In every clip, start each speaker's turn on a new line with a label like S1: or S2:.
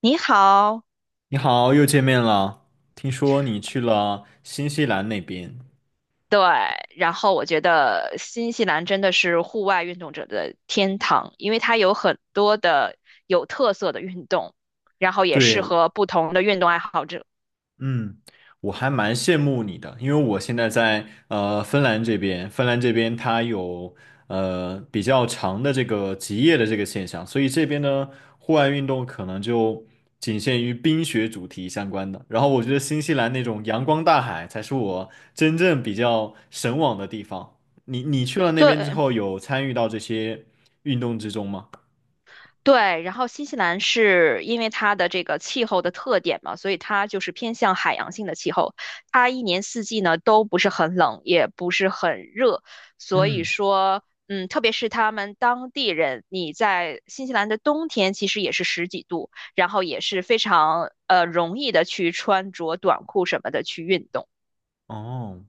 S1: 你好。
S2: 你好，又见面了。听说你去了新西兰那边，
S1: 对，然后我觉得新西兰真的是户外运动者的天堂，因为它有很多的有特色的运动，然后也
S2: 对，
S1: 适合不同的运动爱好者。
S2: 嗯，我还蛮羡慕你的，因为我现在在芬兰这边，芬兰这边它有比较长的这个极夜的这个现象，所以这边呢户外运动可能就仅限于冰雪主题相关的。然后我觉得新西兰那种阳光大海才是我真正比较神往的地方。你去了那边之
S1: 对，
S2: 后，有参与到这些运动之中吗？
S1: 对，然后新西兰是因为它的这个气候的特点嘛，所以它就是偏向海洋性的气候，它一年四季呢都不是很冷，也不是很热。所以
S2: 嗯，
S1: 说，嗯，特别是他们当地人，你在新西兰的冬天其实也是十几度，然后也是非常容易的去穿着短裤什么的去运动。
S2: 哦，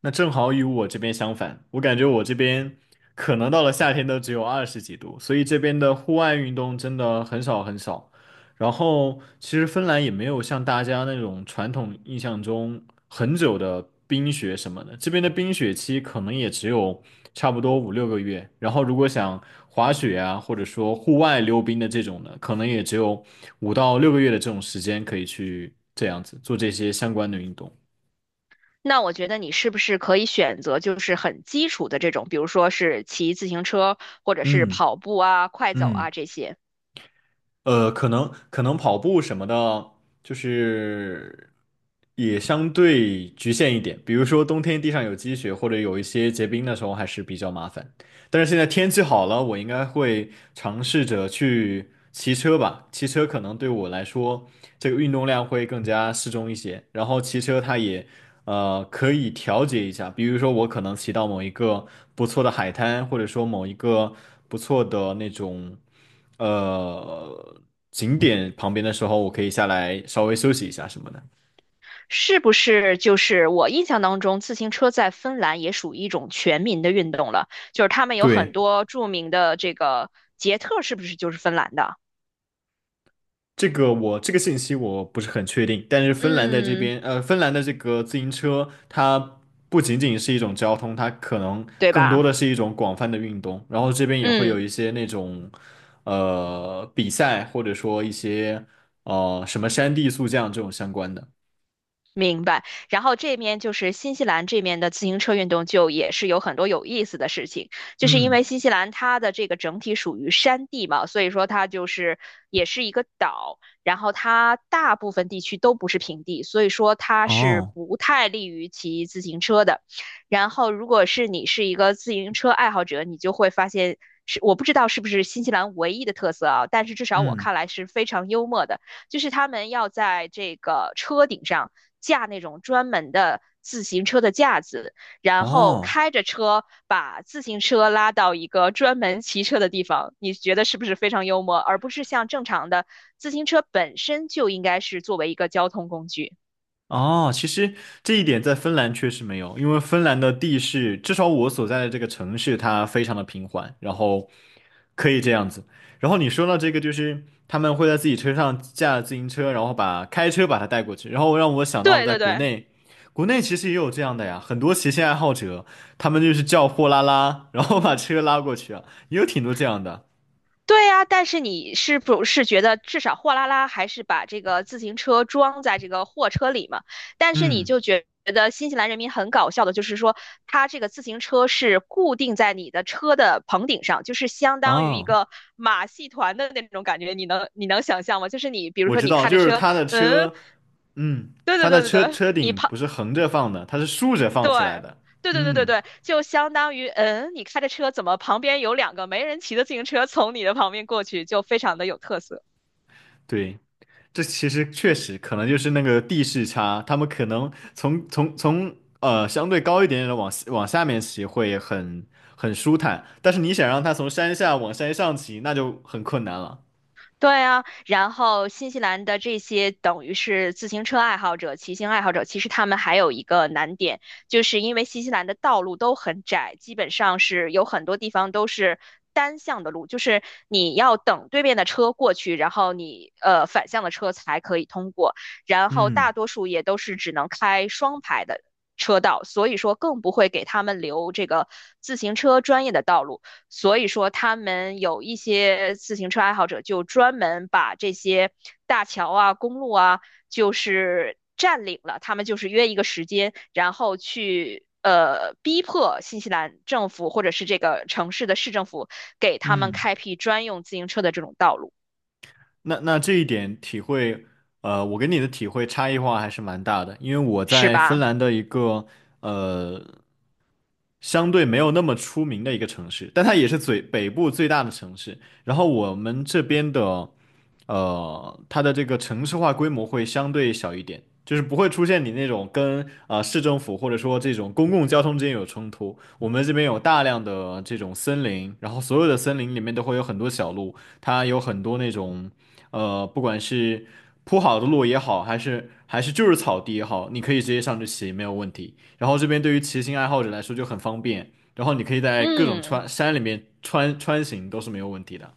S2: 那正好与我这边相反，我感觉我这边可能到了夏天都只有20几度，所以这边的户外运动真的很少很少。然后，其实芬兰也没有像大家那种传统印象中很久的冰雪什么的，这边的冰雪期可能也只有差不多5、6个月。然后，如果想滑雪啊，或者说户外溜冰的这种的，可能也只有5到6个月的这种时间可以去这样子做这些相关的运动。
S1: 那我觉得你是不是可以选择就是很基础的这种，比如说是骑自行车或者是
S2: 嗯。
S1: 跑步啊、快走
S2: 嗯，
S1: 啊这些。
S2: 可能跑步什么的，就是也相对局限一点。比如说冬天地上有积雪，或者有一些结冰的时候，还是比较麻烦。但是现在天气好了，我应该会尝试着去骑车吧。骑车可能对我来说，这个运动量会更加适中一些。然后骑车它也可以调节一下，比如说我可能骑到某一个不错的海滩，或者说某一个不错的那种。呃景点旁边的时候，我可以下来稍微休息一下什么的。
S1: 是不是就是我印象当中，自行车在芬兰也属于一种全民的运动了？就是他们有很
S2: 对，
S1: 多著名的这个捷特，是不是就是芬兰的？
S2: 这个我这个信息我不是很确定，但是芬兰在这
S1: 嗯，
S2: 边，芬兰的这个自行车，它不仅仅是一种交通，它可能
S1: 对
S2: 更多
S1: 吧？
S2: 的是一种广泛的运动。然后这边也会有
S1: 嗯。
S2: 一些那种比赛，或者说一些什么山地速降这种相关的。
S1: 明白，然后这面就是新西兰这面的自行车运动，就也是有很多有意思的事情，就是因
S2: 嗯。
S1: 为新西兰它的这个整体属于山地嘛，所以说它就是也是一个岛，然后它大部分地区都不是平地，所以说它是
S2: 哦。
S1: 不太利于骑自行车的。然后如果是你是一个自行车爱好者，你就会发现是我不知道是不是新西兰唯一的特色啊，但是至少我
S2: 嗯。
S1: 看来是非常幽默的，就是他们要在这个车顶上，架那种专门的自行车的架子，然后
S2: 哦，
S1: 开着车把自行车拉到一个专门骑车的地方，你觉得是不是非常幽默？而不是像正常的自行车本身就应该是作为一个交通工具。
S2: 哦，其实这一点在芬兰确实没有，因为芬兰的地势，至少我所在的这个城市，它非常的平缓，然后可以这样子。然后你说到这个，就是他们会在自己车上架自行车，然后把开车把它带过去，然后让我想到了
S1: 对
S2: 在
S1: 对
S2: 国
S1: 对，
S2: 内，国内其实也有这样的呀，很多骑行爱好者，他们就是叫货拉拉，然后把车拉过去啊，也有挺多这样的。
S1: 对呀，但是你是不是觉得至少货拉拉还是把这个自行车装在这个货车里嘛？但是你
S2: 嗯，
S1: 就觉得新西兰人民很搞笑的，就是说他这个自行车是固定在你的车的棚顶上，就是相当于一
S2: 啊。
S1: 个马戏团的那种感觉，你能想象吗？就是你比如
S2: 我
S1: 说
S2: 知
S1: 你
S2: 道，
S1: 开
S2: 就
S1: 着
S2: 是
S1: 车，
S2: 他的
S1: 嗯，
S2: 车，嗯，
S1: 对对
S2: 他的
S1: 对对
S2: 车
S1: 对，
S2: 车
S1: 你
S2: 顶不是横着放的，它是竖着放
S1: 对，
S2: 起来的。
S1: 对对对对
S2: 嗯，
S1: 对，就相当于，嗯，你开着车怎么旁边有两个没人骑的自行车从你的旁边过去，就非常的有特色。
S2: 对，这其实确实可能就是那个地势差，他们可能从相对高一点点的往下面骑会很舒坦，但是你想让他从山下往山上骑，那就很困难了。
S1: 对啊，然后新西兰的这些等于是自行车爱好者、骑行爱好者，其实他们还有一个难点，就是因为新西兰的道路都很窄，基本上是有很多地方都是单向的路，就是你要等对面的车过去，然后你反向的车才可以通过，然后
S2: 嗯。
S1: 大多数也都是只能开双排的车道，所以说更不会给他们留这个自行车专业的道路。所以说，他们有一些自行车爱好者就专门把这些大桥啊、公路啊，就是占领了。他们就是约一个时间，然后去逼迫新西兰政府或者是这个城市的市政府给他们
S2: 嗯。
S1: 开辟专用自行车的这种道路，
S2: 那这一点体会，我跟你的体会差异化还是蛮大的，因为我
S1: 是
S2: 在芬
S1: 吧？
S2: 兰的一个呃相对没有那么出名的一个城市，但它也是最北部最大的城市。然后我们这边的它的这个城市化规模会相对小一点，就是不会出现你那种跟市政府或者说这种公共交通之间有冲突。我们这边有大量的这种森林，然后所有的森林里面都会有很多小路。它有很多那种，不管是铺好的路也好，还是就是草地也好，你可以直接上去骑，没有问题。然后这边对于骑行爱好者来说就很方便，然后你可以在各种
S1: 嗯。
S2: 穿山里面穿行都是没有问题的。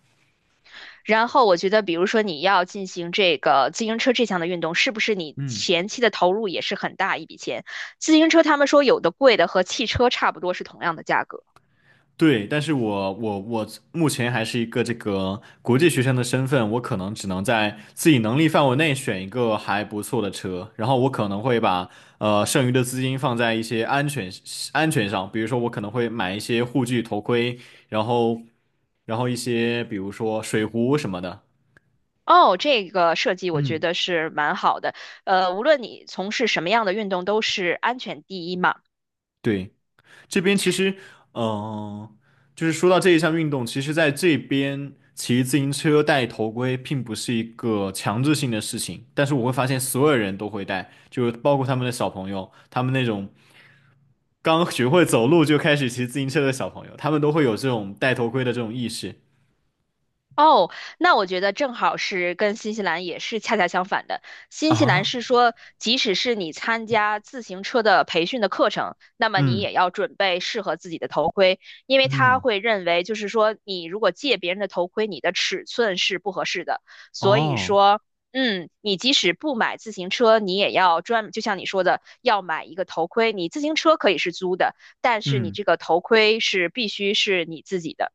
S1: 然后我觉得，比如说你要进行这个自行车这项的运动，是不是你
S2: 嗯。
S1: 前期的投入也是很大一笔钱？自行车他们说有的贵的和汽车差不多是同样的价格。
S2: 对，但是我目前还是一个这个国际学生的身份，我可能只能在自己能力范围内选一个还不错的车，然后我可能会把剩余的资金放在一些安全上，比如说我可能会买一些护具、头盔，然后然后一些比如说水壶什么的。
S1: 哦，这个设计我觉
S2: 嗯，
S1: 得是蛮好的。呃，无论你从事什么样的运动，都是安全第一嘛。
S2: 对。这边其实，嗯，就是说到这一项运动，其实在这边骑自行车戴头盔并不是一个强制性的事情，但是我会发现所有人都会戴，就是包括他们的小朋友，他们那种刚学会走路就开始骑自行车的小朋友，他们都会有这种戴头盔的这种意识
S1: 哦，那我觉得正好是跟新西兰也是恰恰相反的。新西兰
S2: 啊，
S1: 是说，即使是你参加自行车的培训的课程，那么你
S2: 嗯，
S1: 也要准备适合自己的头盔，因为他
S2: 嗯，
S1: 会认为，就是说，你如果借别人的头盔，你的尺寸是不合适的。所以
S2: 哦，
S1: 说，嗯，你即使不买自行车，你也要专，就像你说的，要买一个头盔。你自行车可以是租的，但是你
S2: 嗯。
S1: 这个头盔是必须是你自己的。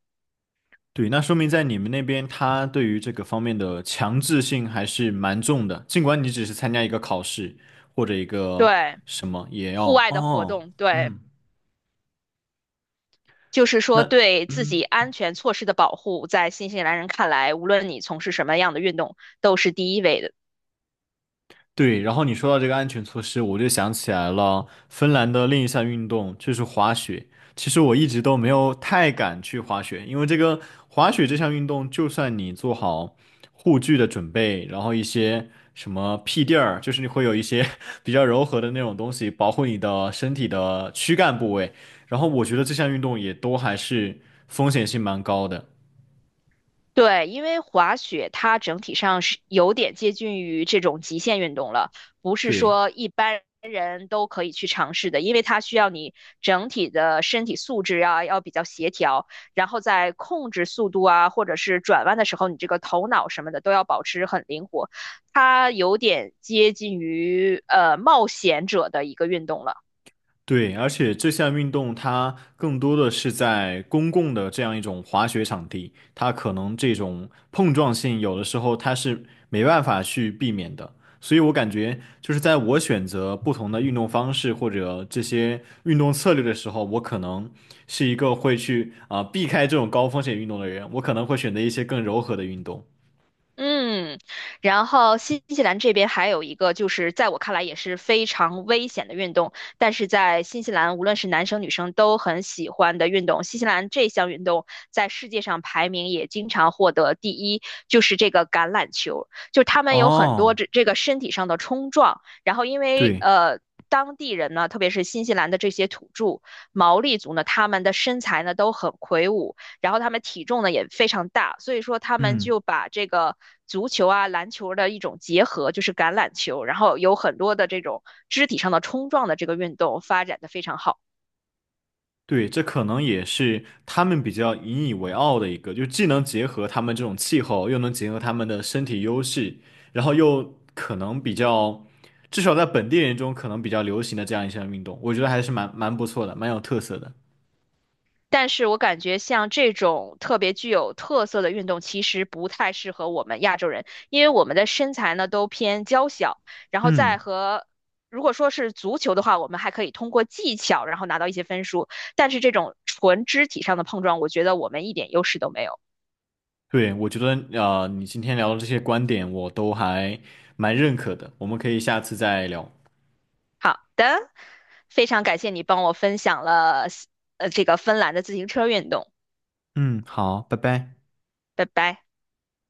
S2: 对，那说明在你们那边，他对于这个方面的强制性还是蛮重的。尽管你只是参加一个考试或者一个
S1: 对。
S2: 什么，也
S1: 户
S2: 要
S1: 外的活
S2: 哦，
S1: 动，对，
S2: 嗯，
S1: 就是说
S2: 那
S1: 对自己
S2: 嗯。
S1: 安全措施的保护，在新西兰人看来，无论你从事什么样的运动，都是第一位的。
S2: 对，然后你说到这个安全措施，我就想起来了，芬兰的另一项运动就是滑雪。其实我一直都没有太敢去滑雪，因为这个滑雪这项运动，就算你做好护具的准备，然后一些什么屁垫儿，就是你会有一些 比较柔和的那种东西保护你的身体的躯干部位，然后我觉得这项运动也都还是风险性蛮高的。
S1: 对，因为滑雪它整体上是有点接近于这种极限运动了，不是
S2: 对。
S1: 说一般人都可以去尝试的，因为它需要你整体的身体素质啊，要比较协调，然后在控制速度啊，或者是转弯的时候，你这个头脑什么的都要保持很灵活，它有点接近于冒险者的一个运动了。
S2: 对，而且这项运动它更多的是在公共的这样一种滑雪场地，它可能这种碰撞性有的时候它是没办法去避免的。所以我感觉就是在我选择不同的运动方式或者这些运动策略的时候，我可能是一个会去啊、避开这种高风险运动的人，我可能会选择一些更柔和的运动。
S1: 嗯，然后新西兰这边还有一个，就是在我看来也是非常危险的运动，但是在新西兰无论是男生女生都很喜欢的运动。新西兰这项运动在世界上排名也经常获得第一，就是这个橄榄球，就他们有很多
S2: 哦，
S1: 这个身体上的冲撞，然后因为
S2: 对，
S1: 呃。当地人呢，特别是新西兰的这些土著毛利族呢，他们的身材呢都很魁梧，然后他们体重呢也非常大，所以说他们
S2: 嗯。
S1: 就把这个足球啊、篮球的一种结合，就是橄榄球，然后有很多的这种肢体上的冲撞的这个运动发展的非常好。
S2: 对，这可能也是他们比较引以为傲的一个，就既能结合他们这种气候，又能结合他们的身体优势，然后又可能比较，至少在本地人中可能比较流行的这样一项运动，我觉得还是蛮不错的，蛮有特色的。
S1: 但是我感觉像这种特别具有特色的运动，其实不太适合我们亚洲人，因为我们的身材呢都偏娇小，然后
S2: 嗯，
S1: 再和。如果说是足球的话，我们还可以通过技巧，然后拿到一些分数。但是这种纯肢体上的碰撞，我觉得我们一点优势都没有。
S2: 对，我觉得你今天聊的这些观点我都还蛮认可的，我们可以下次再聊。
S1: 好的，非常感谢你帮我分享了这个芬兰的自行车运动，
S2: 嗯，好，拜拜。
S1: 拜拜。